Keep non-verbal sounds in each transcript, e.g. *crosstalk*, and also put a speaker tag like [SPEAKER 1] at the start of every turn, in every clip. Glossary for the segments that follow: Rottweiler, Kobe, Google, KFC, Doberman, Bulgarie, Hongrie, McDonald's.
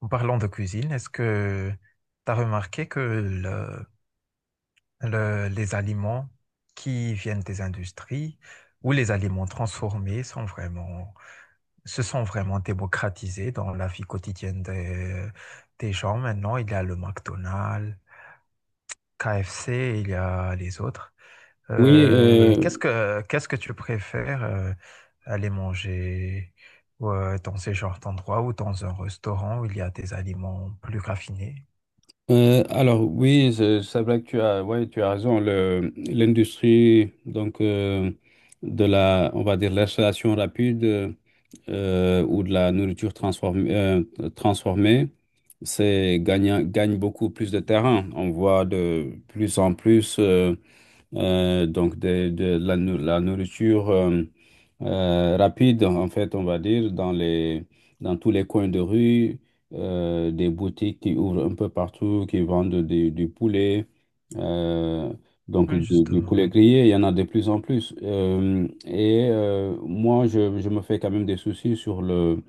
[SPEAKER 1] En parlant de cuisine, est-ce que tu as remarqué que les aliments qui viennent des industries ou les aliments transformés se sont vraiment démocratisés dans la vie quotidienne des gens maintenant? Il y a le McDonald's, KFC, il y a les autres.
[SPEAKER 2] Oui,
[SPEAKER 1] Qu'est-ce que tu préfères aller manger dans ces genres d'endroits ou dans un restaurant où il y a des aliments plus raffinés?
[SPEAKER 2] alors oui, c'est vrai que tu as, ouais, tu as raison. L'industrie donc de la, on va dire l'installation rapide ou de la nourriture transformée, gagne beaucoup plus de terrain. On voit de plus en plus donc la nourriture rapide, en fait, on va dire, dans tous les coins de rue, des boutiques qui ouvrent un peu partout, qui vendent du poulet, euh, donc
[SPEAKER 1] Oui,
[SPEAKER 2] du
[SPEAKER 1] justement.
[SPEAKER 2] poulet grillé, il y en a de plus en plus. Et moi, je me fais quand même des soucis sur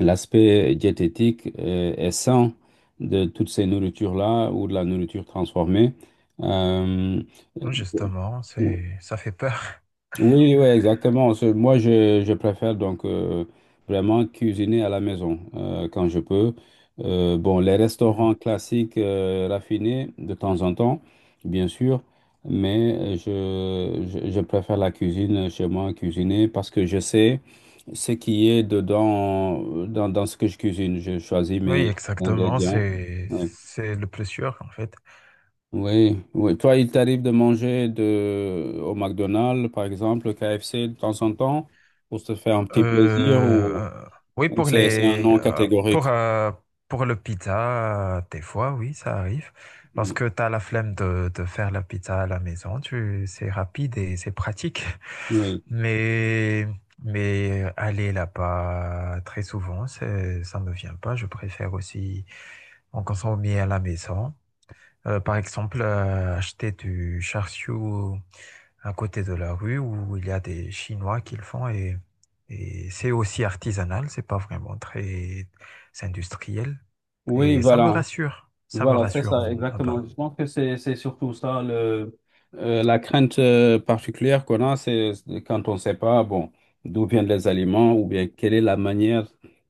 [SPEAKER 2] l'aspect diététique et sain de toutes ces nourritures-là ou de la nourriture transformée. Euh,
[SPEAKER 1] Oui, justement, ça fait peur. *laughs*
[SPEAKER 2] oui, oui, exactement. Moi, je préfère donc vraiment cuisiner à la maison quand je peux. Bon, les
[SPEAKER 1] Mm.
[SPEAKER 2] restaurants classiques raffinés de temps en temps, bien sûr, mais je préfère la cuisine chez moi, cuisiner, parce que je sais ce qui est dedans, dans ce que je cuisine. Je choisis
[SPEAKER 1] Oui,
[SPEAKER 2] mes
[SPEAKER 1] exactement,
[SPEAKER 2] ingrédients. Ouais.
[SPEAKER 1] c'est le plus sûr, en fait.
[SPEAKER 2] Oui, oui. Toi, il t'arrive de manger de... au McDonald's, par exemple, au KFC de temps en temps, pour se faire un
[SPEAKER 1] Euh,
[SPEAKER 2] petit plaisir,
[SPEAKER 1] euh, oui,
[SPEAKER 2] ou
[SPEAKER 1] pour
[SPEAKER 2] c'est un non catégorique?
[SPEAKER 1] pour le pizza, des fois, oui, ça arrive. Parce que tu as la flemme de faire la pizza à la maison, tu, c'est rapide et c'est pratique. *laughs*
[SPEAKER 2] Oui.
[SPEAKER 1] Mais, mais aller là-bas très souvent, ça me vient pas. Je préfère aussi en consommer à la maison. Par exemple, acheter du char siu à côté de la rue où il y a des Chinois qui le font et c'est aussi artisanal, c'est pas vraiment très c'est industriel
[SPEAKER 2] Oui,
[SPEAKER 1] et ça me
[SPEAKER 2] voilà.
[SPEAKER 1] rassure, ça me
[SPEAKER 2] Voilà, c'est
[SPEAKER 1] rassure.
[SPEAKER 2] ça, exactement. Je pense que c'est surtout ça le la crainte particulière qu'on a, c'est quand on ne sait pas, bon, d'où viennent les aliments ou bien quelle est la manière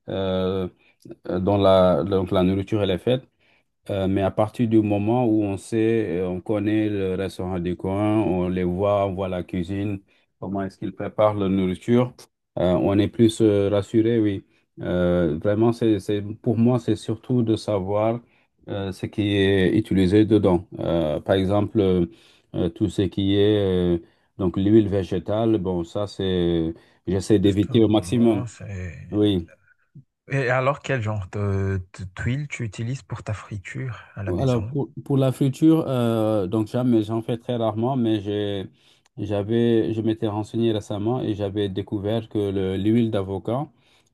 [SPEAKER 2] euh, dont la nourriture elle est faite. Mais à partir du moment où on sait, on connaît le restaurant du coin, on les voit, on voit la cuisine, comment est-ce qu'ils préparent leur nourriture, on est plus rassuré, oui. Vraiment, pour moi, c'est surtout de savoir ce qui est utilisé dedans. Par exemple, tout ce qui est donc l'huile végétale, bon, ça, j'essaie d'éviter au maximum.
[SPEAKER 1] Justement, c'est.
[SPEAKER 2] Oui.
[SPEAKER 1] Et alors, quel genre de tuile tu utilises pour ta friture à la
[SPEAKER 2] Alors,
[SPEAKER 1] maison?
[SPEAKER 2] pour la friture, donc jamais, j'en fais très rarement, mais j'avais, je m'étais renseigné récemment et j'avais découvert que l'huile d'avocat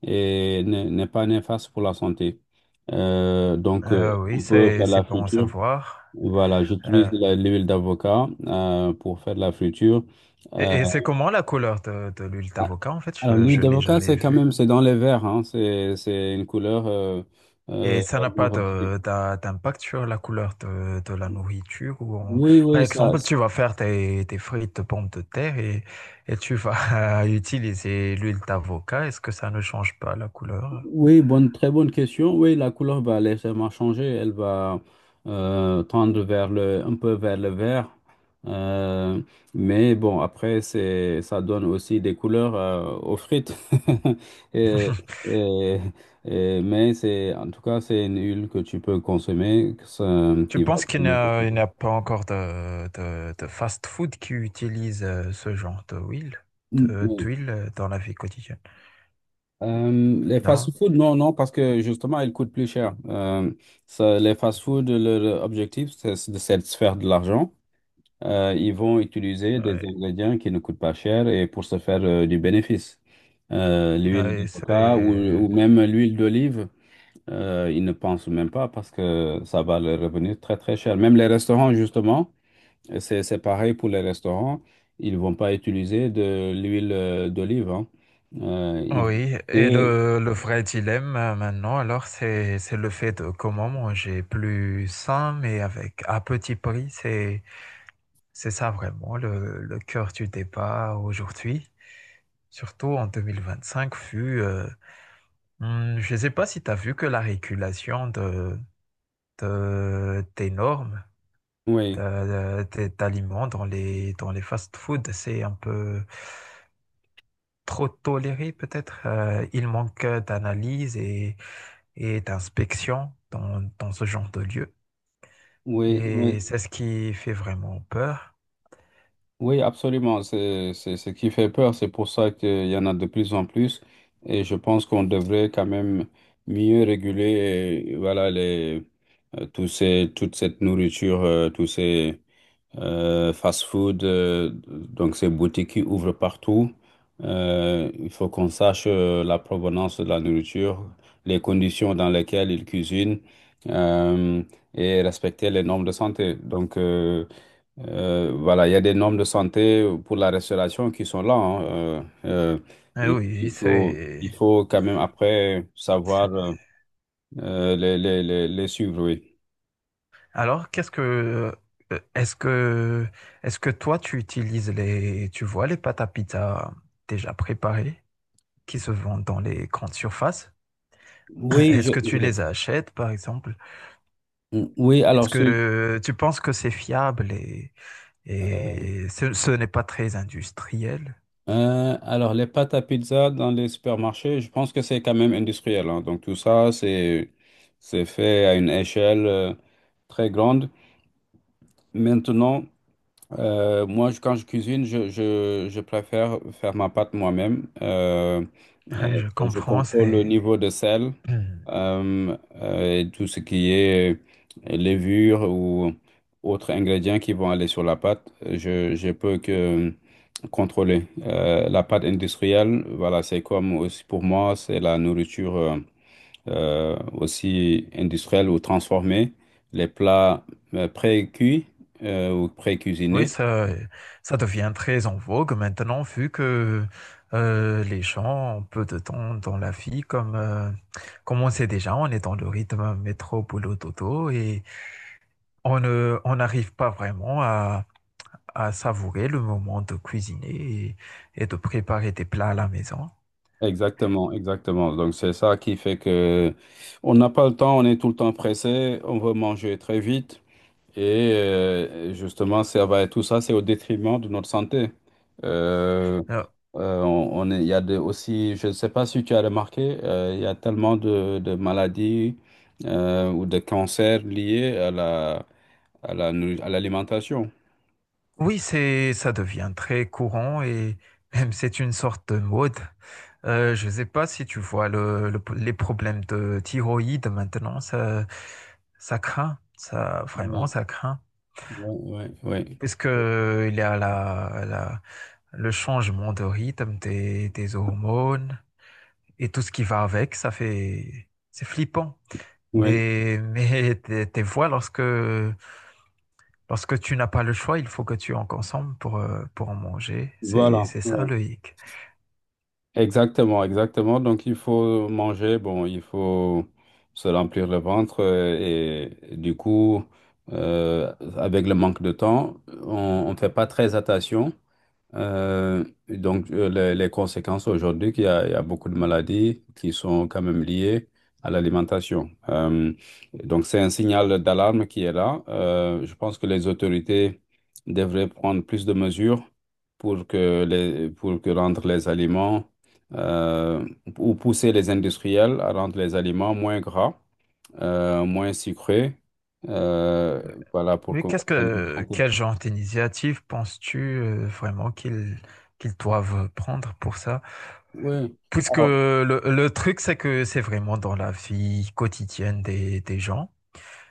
[SPEAKER 2] n'est pas néfaste pour la santé. Donc
[SPEAKER 1] Oui,
[SPEAKER 2] on peut faire
[SPEAKER 1] c'est
[SPEAKER 2] la
[SPEAKER 1] bon à
[SPEAKER 2] friture.
[SPEAKER 1] savoir.
[SPEAKER 2] Voilà, j'utilise
[SPEAKER 1] Euh,
[SPEAKER 2] l'huile d'avocat pour faire la friture. Euh,
[SPEAKER 1] et c'est comment la couleur de l'huile d'avocat en fait?
[SPEAKER 2] alors, l'huile
[SPEAKER 1] Je l'ai
[SPEAKER 2] d'avocat,
[SPEAKER 1] jamais
[SPEAKER 2] c'est quand
[SPEAKER 1] vue.
[SPEAKER 2] même, c'est dans les verts, hein, c'est une couleur. Euh,
[SPEAKER 1] Et ça n'a pas
[SPEAKER 2] bon,
[SPEAKER 1] d'impact sur la couleur de la nourriture ou on-
[SPEAKER 2] oui,
[SPEAKER 1] Par
[SPEAKER 2] oui, ça,
[SPEAKER 1] exemple, tu vas faire tes frites de pommes de terre et tu vas *laughs* utiliser l'huile d'avocat. Est-ce que ça ne change pas la couleur?
[SPEAKER 2] Oui, bonne, très bonne question. Oui, la couleur va légèrement changer. Elle va tendre vers un peu vers le vert. Euh, mais bon, après, ça donne aussi des couleurs aux frites. *laughs* Et-
[SPEAKER 1] *laughs*
[SPEAKER 2] et- mais c'est, en tout cas, c'est une huile que tu peux consommer, que
[SPEAKER 1] Tu
[SPEAKER 2] qui va
[SPEAKER 1] penses qu'il n'y
[SPEAKER 2] prendre un peu
[SPEAKER 1] a,
[SPEAKER 2] de
[SPEAKER 1] il
[SPEAKER 2] temps.
[SPEAKER 1] n'y a pas encore de fast-food qui utilise ce genre de huile,
[SPEAKER 2] Mm, oui.
[SPEAKER 1] d'huile dans la vie quotidienne?
[SPEAKER 2] Les
[SPEAKER 1] Non?
[SPEAKER 2] fast-food, non, non, parce que justement, ils coûtent plus cher. Ça, les fast-food, leur objectif, c'est de se faire de l'argent. Ils vont utiliser des
[SPEAKER 1] Ouais.
[SPEAKER 2] ingrédients qui ne coûtent pas cher et pour se faire du bénéfice. L'huile
[SPEAKER 1] Ouais,
[SPEAKER 2] d'avocat
[SPEAKER 1] c'est-
[SPEAKER 2] ou même l'huile d'olive, ils ne pensent même pas parce que ça va leur revenir très très cher. Même les restaurants, justement, c'est pareil pour les restaurants, ils ne vont pas utiliser de l'huile d'olive, hein. Euh, ils vont-
[SPEAKER 1] Oui, et
[SPEAKER 2] et-
[SPEAKER 1] le vrai dilemme maintenant, alors, c'est le fait de comment manger plus sain, mais avec à petit prix. C'est ça vraiment le cœur du débat aujourd'hui, surtout en 2025, vu, je ne sais pas si tu as vu que la régulation des normes
[SPEAKER 2] Oui,
[SPEAKER 1] d'aliments dans dans les fast-foods, c'est un peu trop toléré peut-être. Il manque d'analyse et d'inspection dans ce genre de lieu.
[SPEAKER 2] oui, oui.
[SPEAKER 1] Et c'est ce qui fait vraiment peur.
[SPEAKER 2] Oui, absolument. C'est ce qui fait peur. C'est pour ça qu'il y en a de plus en plus. Et je pense qu'on devrait quand même mieux réguler, voilà, les, tous ces, toute cette nourriture, tous ces fast-food, donc ces boutiques qui ouvrent partout. Il faut qu'on sache la provenance de la nourriture, les conditions dans lesquelles ils cuisinent, euh, et respecter les normes de santé. Donc, voilà, il y a des normes de santé pour la restauration qui sont là, hein.
[SPEAKER 1] Eh oui,
[SPEAKER 2] Il faut quand même après savoir
[SPEAKER 1] c'est-
[SPEAKER 2] les suivre, oui.
[SPEAKER 1] Alors, est-ce que... Est-ce que toi, tu utilises les... Tu vois les pâtes à pizza déjà préparées qui se vendent dans les grandes surfaces? *clears throat*
[SPEAKER 2] Oui,
[SPEAKER 1] Est-ce que tu
[SPEAKER 2] je les
[SPEAKER 1] les
[SPEAKER 2] fais.
[SPEAKER 1] achètes, par exemple?
[SPEAKER 2] Mm. Oui, alors,
[SPEAKER 1] Est-ce que tu penses que c'est fiable et, ce n'est pas très industriel?
[SPEAKER 2] alors les pâtes à pizza dans les supermarchés, je pense que c'est quand même industriel, hein. Donc tout ça, c'est fait à une échelle très grande. Maintenant, moi, quand je cuisine, je préfère faire ma pâte moi-même. Euh,
[SPEAKER 1] Ouais, je
[SPEAKER 2] je
[SPEAKER 1] comprends,
[SPEAKER 2] contrôle le
[SPEAKER 1] c'est...
[SPEAKER 2] niveau de sel
[SPEAKER 1] *clears throat*
[SPEAKER 2] et tout ce qui est levure ou autres ingrédients qui vont aller sur la pâte. Je peux que contrôler. La pâte industrielle, voilà, c'est comme aussi pour moi, c'est la nourriture aussi industrielle ou transformée. Les plats pré-cuits ou
[SPEAKER 1] Oui,
[SPEAKER 2] pré-cuisinés.
[SPEAKER 1] ça devient très en vogue maintenant, vu que les gens ont peu de temps dans la vie, comme on sait déjà, on est dans le rythme métro, boulot, dodo, et on n'arrive pas vraiment à savourer le moment de cuisiner et de préparer des plats à la maison.
[SPEAKER 2] Exactement, exactement. Donc c'est ça qui fait que on n'a pas le temps, on est tout le temps pressé, on veut manger très vite et justement tout ça c'est au détriment de notre santé. Euh,
[SPEAKER 1] Euh,
[SPEAKER 2] il y a aussi, je ne sais pas si tu as remarqué, il y a tellement de maladies ou de cancers liés à l'alimentation.
[SPEAKER 1] Oui, ça devient très courant et même c'est une sorte de mode. Je ne sais pas si tu vois le, les problèmes de thyroïde maintenant, ça craint, ça, vraiment,
[SPEAKER 2] Oui,
[SPEAKER 1] ça craint.
[SPEAKER 2] oui, oui, oui,
[SPEAKER 1] Puisque il y a le changement de rythme des hormones et tout ce qui va avec, ça fait, c'est flippant.
[SPEAKER 2] oui.
[SPEAKER 1] *laughs* Mais tes voix lorsque lorsque tu n'as pas le choix, il faut que tu en consommes pour en manger.
[SPEAKER 2] Voilà,
[SPEAKER 1] C'est ça
[SPEAKER 2] ouais.
[SPEAKER 1] le hic.
[SPEAKER 2] Exactement, exactement. Donc, il faut manger, bon, il faut se remplir le ventre et du coup, euh, avec le manque de temps, on ne fait pas très attention. Donc, les conséquences aujourd'hui, il y a beaucoup de maladies qui sont quand même liées à l'alimentation. Donc, c'est un signal d'alarme qui est là. Je pense que les autorités devraient prendre plus de mesures pour pour que rendre les aliments euh, ou pousser les industriels à rendre les aliments moins gras, moins sucrés. Euh, voilà, pour
[SPEAKER 1] Mais
[SPEAKER 2] qu'on...
[SPEAKER 1] quel genre d'initiative penses-tu vraiment qu'ils doivent prendre pour ça?
[SPEAKER 2] Oui.
[SPEAKER 1] Puisque le truc, c'est que c'est vraiment dans la vie quotidienne des gens.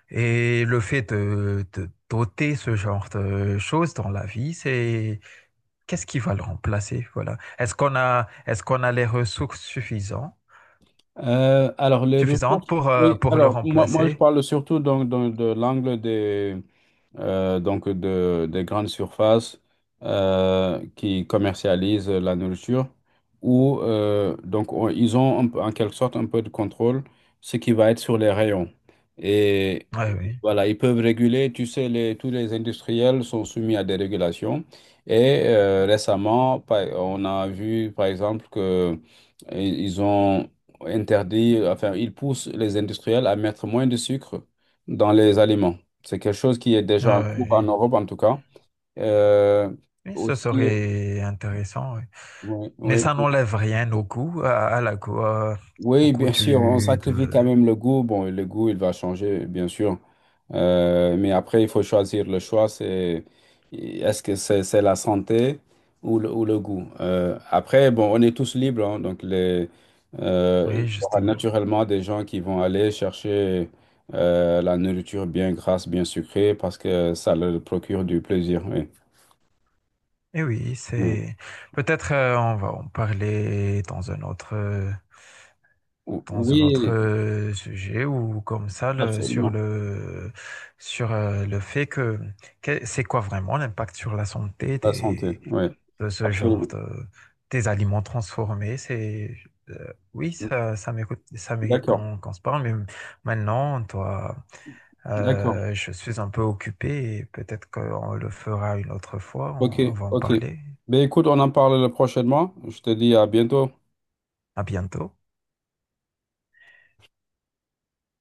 [SPEAKER 1] Et le fait de doter ce genre de choses dans la vie, c'est qu'est-ce qui va le remplacer? Voilà. Est-ce qu'on a les ressources suffisantes?
[SPEAKER 2] Alors, les
[SPEAKER 1] Suffisante
[SPEAKER 2] ressources, oui,
[SPEAKER 1] pour le
[SPEAKER 2] alors moi je
[SPEAKER 1] remplacer.
[SPEAKER 2] parle surtout donc, de l'angle des, donc des grandes surfaces qui commercialisent la nourriture, où donc, ils ont en quelque sorte un peu de contrôle, ce qui va être sur les rayons. Et
[SPEAKER 1] Ouais, oui,
[SPEAKER 2] voilà, ils peuvent réguler. Tu sais, les, tous les industriels sont soumis à des régulations. Et récemment, on a vu, par exemple, que i- ils ont interdit, enfin, ils poussent les industriels à mettre moins de sucre dans les aliments. C'est quelque chose qui est déjà en cours en
[SPEAKER 1] ouais,
[SPEAKER 2] Europe, en tout cas. Euh,
[SPEAKER 1] oui. Oui, ce
[SPEAKER 2] Aussi,
[SPEAKER 1] serait intéressant. Oui.
[SPEAKER 2] oui,
[SPEAKER 1] Mais
[SPEAKER 2] oui,
[SPEAKER 1] ça
[SPEAKER 2] oui.
[SPEAKER 1] n'enlève rien au coût, à la coût, au
[SPEAKER 2] Oui,
[SPEAKER 1] coût
[SPEAKER 2] bien sûr, on
[SPEAKER 1] du,
[SPEAKER 2] sacrifie
[SPEAKER 1] de...
[SPEAKER 2] quand même le goût. Bon, le goût, il va changer, bien sûr. Mais après, il faut choisir le choix, c'est est-ce que c'est la santé ou ou le goût? Après, bon, on est tous libres, hein, donc les, il y
[SPEAKER 1] Oui,
[SPEAKER 2] aura
[SPEAKER 1] justement.
[SPEAKER 2] naturellement des gens qui vont aller chercher la nourriture bien grasse, bien sucrée, parce que ça leur procure du plaisir. Oui,
[SPEAKER 1] Et oui,
[SPEAKER 2] oui.
[SPEAKER 1] c'est... Peut-être on va en parler dans un autre
[SPEAKER 2] Oui,
[SPEAKER 1] sujet ou comme ça le- sur
[SPEAKER 2] absolument.
[SPEAKER 1] le sur le fait que- c'est quoi vraiment l'impact sur la santé
[SPEAKER 2] La santé,
[SPEAKER 1] des
[SPEAKER 2] oui,
[SPEAKER 1] de ce
[SPEAKER 2] absolument.
[SPEAKER 1] genre de des aliments transformés c'est oui ça ça mérite
[SPEAKER 2] D'accord,
[SPEAKER 1] qu'on qu'on se parle mais maintenant toi
[SPEAKER 2] d'accord.
[SPEAKER 1] je suis un peu occupé et peut-être qu'on le fera une autre fois
[SPEAKER 2] Ok,
[SPEAKER 1] on va en
[SPEAKER 2] ok.
[SPEAKER 1] parler
[SPEAKER 2] Ben écoute, on en parle prochainement. Je te dis à bientôt.
[SPEAKER 1] à bientôt